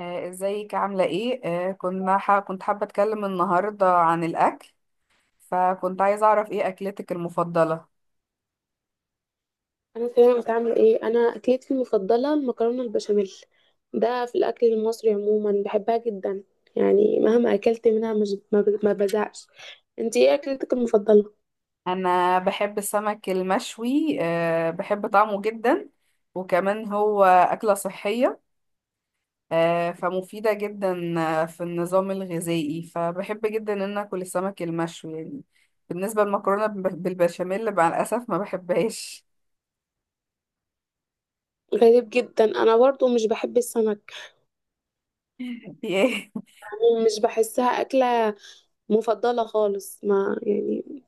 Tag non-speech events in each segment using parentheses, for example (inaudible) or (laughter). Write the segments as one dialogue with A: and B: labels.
A: ازيك عاملة ايه؟ كنت حابة اتكلم النهاردة عن الاكل. فكنت عايزة اعرف ايه اكلتك المفضلة؟
B: انا فاهمه عامله ايه. انا اكلتي المفضله المكرونه البشاميل، ده في الاكل المصري عموما بحبها جدا، يعني مهما اكلت منها مش ما بزهقش. انتي ايه اكلتك المفضله؟
A: انا بحب السمك المشوي، بحب طعمه جدا. وكمان هو أكلة صحية، فمفيدة جدا في النظام الغذائي، فبحب جدا ان اكل السمك المشوي يعني. بالنسبة للمكرونة بالبشاميل مع الأسف ما بحبهاش.
B: غريب جدا، انا برضو مش بحب السمك،
A: (laughs) إنتي ايه؟
B: يعني مش بحسها اكله مفضله خالص، ما يعني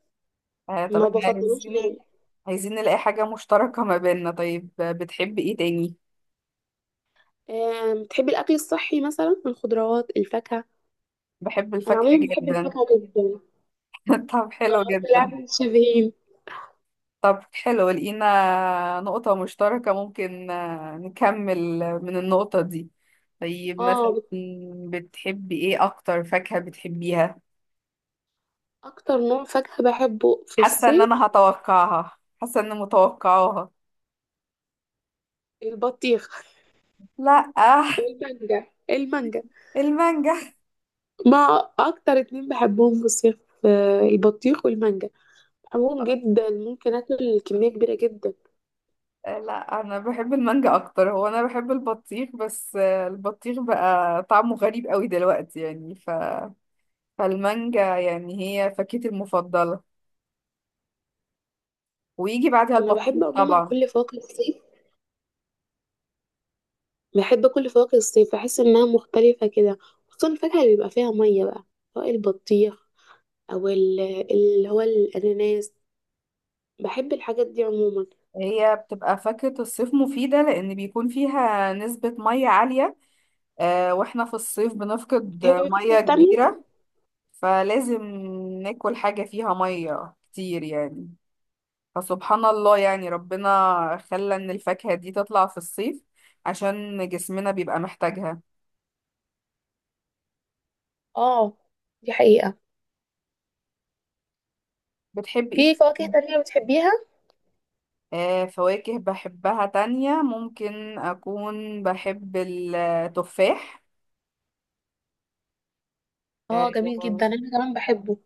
A: طب
B: ما
A: احنا
B: بفضلوش نهائي.
A: عايزين نلاقي حاجة مشتركة ما بيننا. طيب، بتحب ايه تاني؟
B: بتحبي الاكل الصحي مثلا الخضروات الفاكهه؟
A: بحب
B: انا
A: الفاكهة
B: عموما بحب
A: جدا.
B: الفاكهه جدا.
A: (laughs) طب حلو جدا.
B: بالعكس شبهين.
A: طب حلو، لقينا نقطة مشتركة، ممكن نكمل من النقطة دي. طيب، مثلا
B: اه،
A: بتحبي ايه؟ أكتر فاكهة بتحبيها؟
B: اكتر نوع فاكهه بحبه في
A: حاسة ان
B: الصيف
A: انا هتوقعها، حاسة ان متوقعاها.
B: البطيخ
A: لا.
B: والمانجا، المانجا،
A: المانجا.
B: ما اكتر اتنين بحبهم في الصيف البطيخ والمانجا، بحبهم جدا ممكن اكل كمية كبيرة جدا.
A: لا، انا بحب المانجا اكتر. هو انا بحب البطيخ، بس البطيخ بقى طعمه غريب قوي دلوقتي يعني، فالمانجا يعني هي فاكهتي المفضلة، ويجي بعدها
B: انا
A: البطيخ
B: بحب عموما
A: طبعا.
B: كل فواكه الصيف، بحب كل فواكه الصيف، بحس انها مختلفة كده، خصوصا الفاكهة اللي بيبقى فيها مية بقى، سواء البطيخ او ال- اللي هو الاناناس، بحب الحاجات دي عموما.
A: هي بتبقى فاكهة الصيف مفيدة، لأن بيكون فيها نسبة مية عالية، واحنا في الصيف بنفقد
B: بتحبي فواكه
A: مية
B: تانية؟
A: كبيرة، فلازم ناكل حاجة فيها مية كتير يعني. فسبحان الله، يعني ربنا خلى ان الفاكهة دي تطلع في الصيف عشان جسمنا بيبقى محتاجها.
B: اه دي حقيقة.
A: بتحب ايه
B: في فواكه
A: كمان؟
B: تانية بتحبيها؟
A: آه، فواكه بحبها تانية، ممكن اكون بحب التفاح.
B: اه جميل
A: آه.
B: جدا، انا كمان بحبه.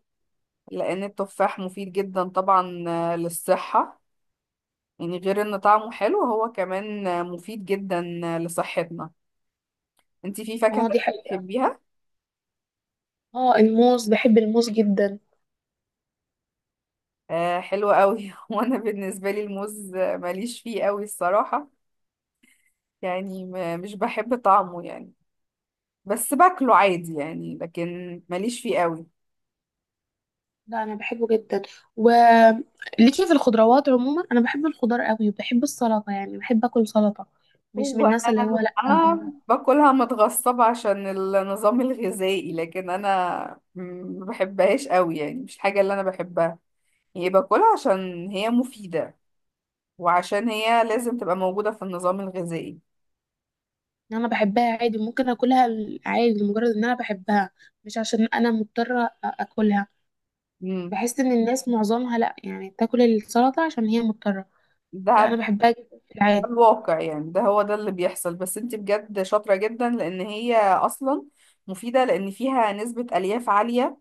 A: لان التفاح مفيد جدا طبعا، للصحة، يعني غير ان طعمه حلو، هو كمان مفيد جدا لصحتنا. انتي في فاكهة
B: اه دي
A: تانية
B: حقيقة.
A: بتحبيها؟
B: اه الموز، بحب الموز جدا.
A: آه، حلوة قوي. (laughs) وانا بالنسبة لي الموز، ماليش فيه قوي الصراحة. يعني ما مش بحب طعمه يعني، بس باكله عادي يعني، لكن ماليش فيه قوي.
B: لا انا بحبه جدا. وليكي في الخضروات عموما، انا بحب الخضار قوي، وبحب السلطه، يعني بحب اكل سلطه، مش من
A: هو
B: الناس اللي هو
A: انا
B: لا.
A: انا باكلها متغصبة عشان النظام الغذائي، لكن انا ما بحبهاش قوي، يعني مش الحاجة اللي انا بحبها. هي باكلها عشان هي مفيدة، وعشان هي لازم تبقى موجودة في النظام الغذائي.
B: إن انا بحبها عادي، ممكن اكلها عادي لمجرد ان انا بحبها، مش عشان اكلها.
A: امم.
B: بحس ان الناس معظمها لا يعني تاكل السلطه عشان هي مضطره.
A: ده
B: لا انا
A: ده
B: بحبها جدا في العادي.
A: الواقع، يعني ده هو ده اللي بيحصل. بس انت بجد شاطرة جدا، لان هي اصلا مفيدة، لان فيها نسبة الياف عالية،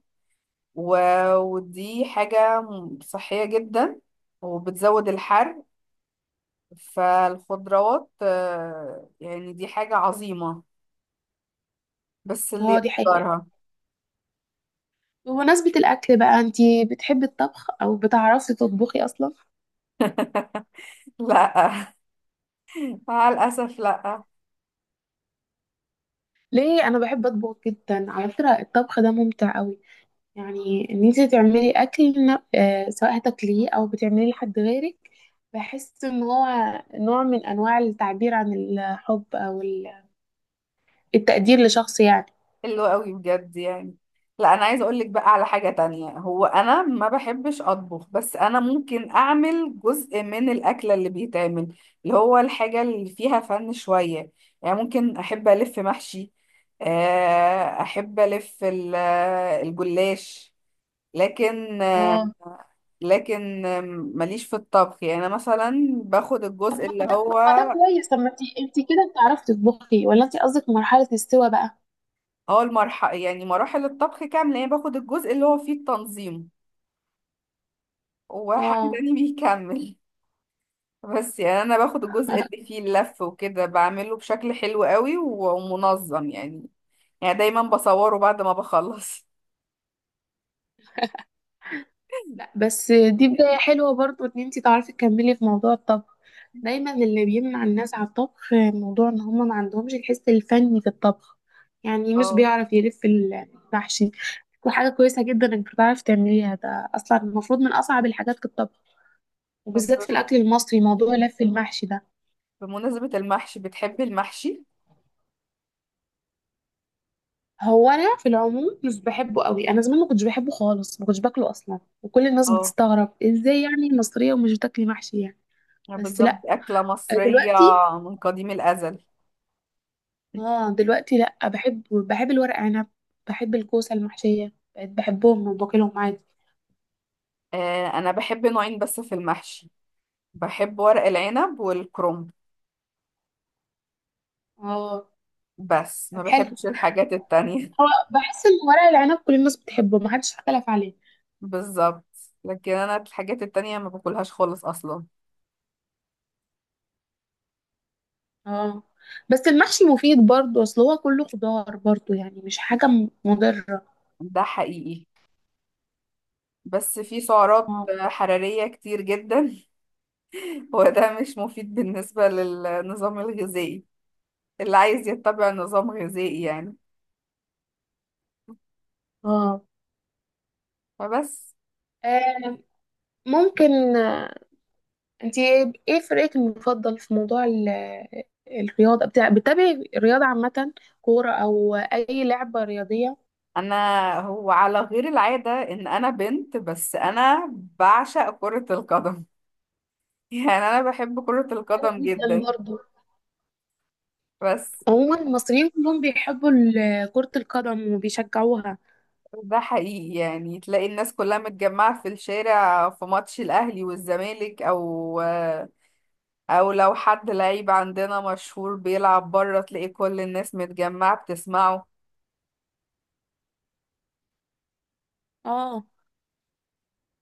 A: و... ودي حاجة صحية جدا وبتزود الحرق. فالخضروات، يعني دي حاجة عظيمة، بس اللي
B: اه دي حقيقه.
A: يقدرها.
B: بمناسبه الاكل بقى، انتي بتحبي الطبخ او بتعرفي تطبخي اصلا؟
A: (laughs) لا، مع الأسف لا.
B: ليه؟ انا بحب اطبخ جدا، على فكره الطبخ ده ممتع قوي، يعني ان انت تعملي اكل سواء هتاكليه او بتعمليه لحد غيرك، بحس ان هو نوع من انواع التعبير عن الحب او التقدير لشخص يعني.
A: حلو قوي بجد يعني. لا، انا عايزه اقول لك بقى على حاجه تانية. هو انا ما بحبش اطبخ، بس انا ممكن اعمل جزء من الاكله اللي بيتعمل، اللي هو الحاجه اللي فيها فن شويه. يعني ممكن احب الف محشي، احب الف الجلاش. لكن آه،
B: اه
A: لكن ماليش في الطبخ يعني. انا مثلا باخد الجزء اللي
B: طب
A: هو،
B: ما ده كويس، طب ما انت كده بتعرفي تطبخي ولا انت قصدك مرحله السوا بقى؟
A: هو المرحله، يعني مراحل الطبخ كامله، يعني باخد الجزء اللي هو فيه التنظيم، وحد
B: اه
A: تاني بيكمل. بس يعني انا باخد الجزء اللي فيه اللف وكده، بعمله بشكل حلو قوي و- ومنظم يعني. يعني دايما بصوره بعد ما بخلص.
B: لا، بس دي بداية حلوة برضو ان انتي تعرفي تكملي في موضوع الطبخ. دايما اللي بيمنع الناس على الطبخ موضوع ان هما ما عندهمش الحس الفني في الطبخ، يعني مش
A: اه،
B: بيعرف يلف المحشي. وحاجة كويسة جدا انك بتعرفي تعمليها، ده اصلا المفروض من اصعب الحاجات في الطبخ،
A: طب
B: وبالذات في الاكل المصري موضوع لف المحشي ده.
A: بمناسبة المحشي، بتحبي المحشي؟
B: هو انا في العموم مش بحبه قوي، انا زمان ما كنتش بحبه خالص، ما كنتش باكله اصلا، وكل الناس
A: اه،
B: بتستغرب ازاي يعني المصرية ومش بتاكلي محشي يعني. بس
A: بالظبط
B: لا،
A: أكلة مصرية
B: دلوقتي،
A: من قديم الأزل.
B: اه دلوقتي لأ، بحب الورق عنب، بحب الكوسة المحشية، بقيت بحبهم وباكلهم عادي.
A: آه، أنا بحب نوعين بس في المحشي، بحب ورق العنب والكرنب،
B: اه
A: بس ما
B: طب حلو.
A: بحبش الحاجات التانية.
B: هو بحس ان ورق العنب كل الناس بتحبه، محدش اختلف عليه.
A: (laughs) بالظبط. لكن أنا الحاجات التانية ما باكلهاش خالص أصلا.
B: اه بس المحشي مفيد برضه، اصل هو كله خضار برضه، يعني مش مضرة.
A: ده حقيقي، بس في سعرات
B: اه.
A: حرارية كتير جدا. (laughs) وده مش مفيد بالنسبة للنظام الغذائي، اللي عايز يتبع نظام غذائي يعني.
B: اه.
A: فبس.
B: آه، ممكن آه، انتي ايه إيه فريقك المفضل في موضوع الرياضة؟ بتاع بتتابعي الرياضة عامة؟ كورة او اي لعبة رياضية؟
A: أنا هو على غير العادة إن أنا بنت، بس أنا بعشق كرة القدم. (laughs) يعني أنا بحب كرة
B: وانا
A: القدم
B: جدا
A: جدا.
B: برضه.
A: بس
B: عموما المصريين كلهم بيحبوا كرة القدم وبيشجعوها.
A: ده حقيقي، يعني تلاقي الناس كلها متجمعة في الشارع في ماتش الأهلي والزمالك، او لو حد لعيب عندنا مشهور بيلعب بره، تلاقي كل الناس متجمعة بتسمعه.
B: اه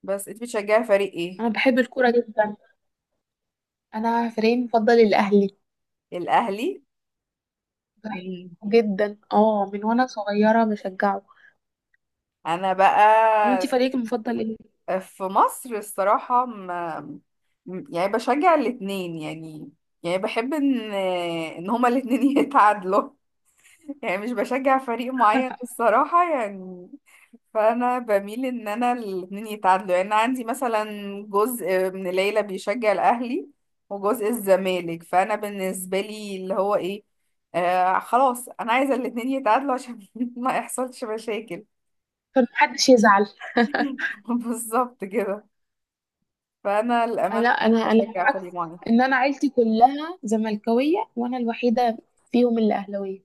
A: بس انت بتشجعي فريق ايه؟
B: انا بحب الكورة جدا، انا فريقي المفضل الاهلي،
A: الاهلي.
B: بحبه
A: مم.
B: جدا، اه من وانا صغيرة بشجعه.
A: انا بقى
B: وانتي فريقك المفضل ايه؟
A: في مصر الصراحة، ما م- يعني بشجع الاتنين يعني. يعني بحب ان هما الاتنين (laughs) يتعادلوا. يعني مش بشجع فريق معين الصراحة يعني. فأنا بميل إن أنا الاتنين يتعادلوا. يعني أنا عندي مثلا جزء من العيلة بيشجع الأهلي، وجزء الزمالك، فأنا بالنسبة لي اللي هو إيه، خلاص أنا عايزة الاتنين يتعادلوا عشان (laughs) ما يحصلش مشاكل.
B: فمحدش يزعل.
A: (laughs) بالظبط كده. فأنا الأمانة
B: لا
A: مش
B: انا
A: بشجع
B: العكس،
A: فريق معين.
B: ان انا عيلتي كلها زملكاوية وانا الوحيدة فيهم اللي اهلاوية،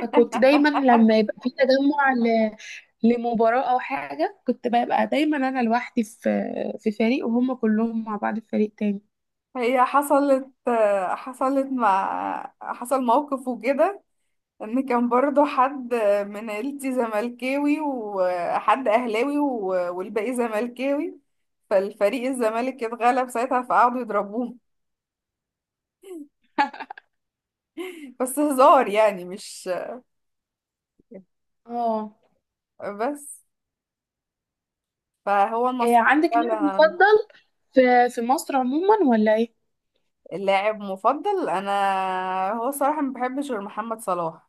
B: فكنت دايما لما يبقى في لمباراة او حاجة، كنت ببقى دايما انا لوحدي في في فريق وهم كلهم مع بعض في فريق تاني.
A: هي حصلت آه، حصلت مع حصل موقف وكده، ان كان برضو حد من عيلتي زملكاوي وحد اهلاوي و- والباقي زملكاوي. فالفريق الزمالك اتغلب ساعتها، فقعدوا يضربوه (laughs) بس هزار يعني، مش
B: اه
A: بس. فهو
B: إيه
A: المصري
B: عندك لاعب
A: فعلا.
B: مفضل في في مصر عموما ولا ايه؟
A: اللاعب مفضل انا، هو صراحة ما بحبش غير محمد صلاح،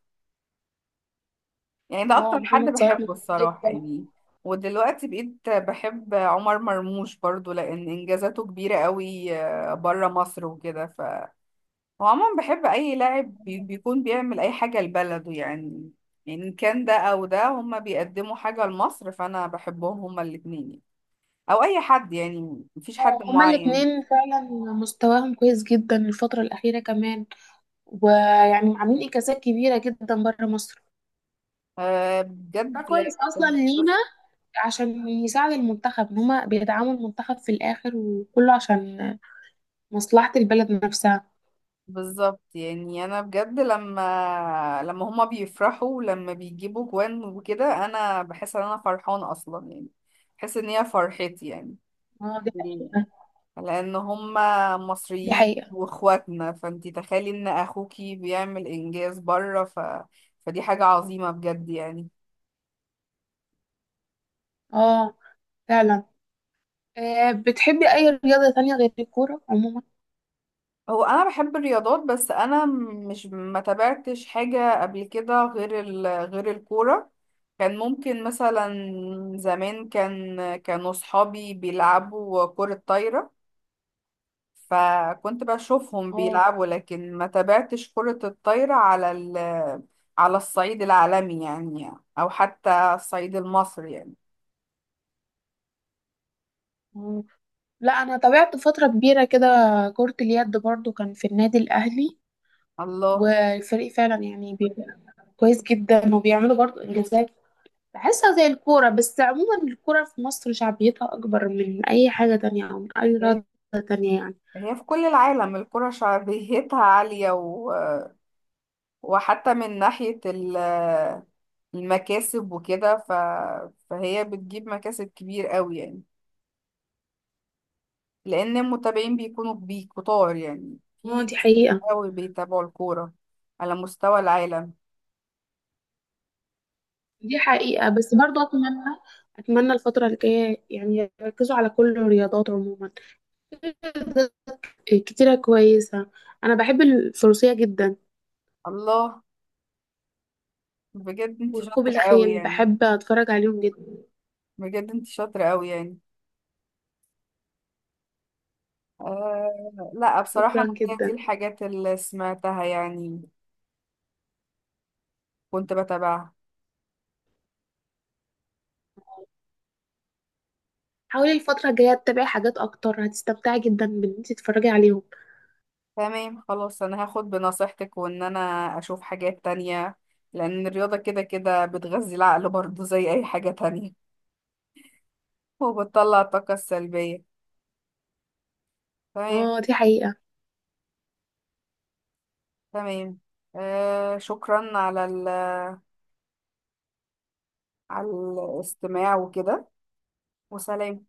A: يعني ده
B: اه
A: اكتر حد
B: محمد صلاح
A: بحبه
B: ممتاز
A: الصراحة
B: جدا.
A: يعني. ودلوقتي بقيت بحب عمر مرموش برضو، لان انجازاته كبيرة قوي بره مصر وكده. هو عموما بحب اي لاعب بيكون بيعمل اي حاجه لبلده يعني. يعني ان كان ده او ده، هما بيقدموا حاجه لمصر، فانا بحبهم هما الاتنين يعني. او اي حد، يعني مفيش حد
B: اه هما
A: معين.
B: الاتنين فعلا مستواهم كويس جدا الفترة الأخيرة كمان، ويعني عاملين إنجازات كبيرة جدا بره مصر.
A: أه،
B: ده
A: بجد.
B: كويس أصلا لينا
A: بس-
B: عشان يساعد المنتخب، إن هما بيدعموا المنتخب في الآخر، وكله عشان مصلحة البلد نفسها.
A: بالظبط يعني. انا بجد، لما هما بيفرحوا ولما بيجيبوا جوان وكده، انا بحس ان انا فرحانه اصلا يعني. بحس ان هي فرحتي، يعني
B: اه دي حقيقة.
A: لان هم
B: دي
A: مصريين
B: حقيقة.
A: واخواتنا، فانتي تخيلي ان اخوكي بيعمل انجاز بره، فدي حاجة عظيمة بجد يعني.
B: اه فعلا. آه بتحبي أي رياضة تانية غير الكورة عموما؟
A: هو انا بحب الرياضات، بس انا مش ما تابعتش حاجة قبل كده غير غير الكورة. كان ممكن مثلا زمان كانوا صحابي بيلعبوا كرة طايرة، فكنت بشوفهم
B: اه
A: بيلعبوا، لكن ما تابعتش كرة الطايرة على الصعيد العالمي يعني، أو حتى الصعيد المصري يعني.
B: لا انا تابعت فتره كبيره كده كره اليد برضو، كان في النادي الاهلي،
A: الله.
B: والفريق فعلا كويس جدا، وبيعملوا برضو انجازات، بحسها زي الكوره. بس عموما الكوره في مصر شعبيتها اكبر من اي حاجه تانية، او من اي
A: هي
B: رياضه تانية يعني.
A: هي في كل العالم الكرة شعبيتها (laughs) عالية، وحتى من ناحية المكاسب وكده، فهي بتجيب مكاسب كبير قوي يعني، لأن المتابعين بيكونوا كتار يعني، في
B: اه دي
A: ناس كتير
B: حقيقه.
A: قوي بيتابعوا الكورة على مستوى العالم.
B: دي حقيقه، بس برضو اتمنى، اتمنى الفتره الجايه يعني يركزوا على كل الرياضات عموما، كتيره كويسه. انا بحب الفروسيه جدا،
A: الله. بجد انت
B: وركوب
A: شاطرة قوي
B: الخيل،
A: يعني.
B: بحب اتفرج عليهم جدا.
A: بجد انت شاطرة قوي يعني. آه لا، بصراحة
B: شكرا
A: انا هي دي
B: جدا.
A: الحاجات اللي سمعتها يعني، كنت بتابعها.
B: حاولي الفترة الجاية تتابعي حاجات أكتر، هتستمتعي جدا بإن انتي تتفرجي عليهم.
A: تمام، خلاص، انا هاخد بنصيحتك وان انا اشوف حاجات تانية، لان الرياضة كده كده بتغذي العقل برضه زي اي حاجة تانية، وبتطلع الطاقة السلبية. تمام.
B: اه دي حقيقة.
A: تمام. شكرا على على الاستماع وكده، وسلام.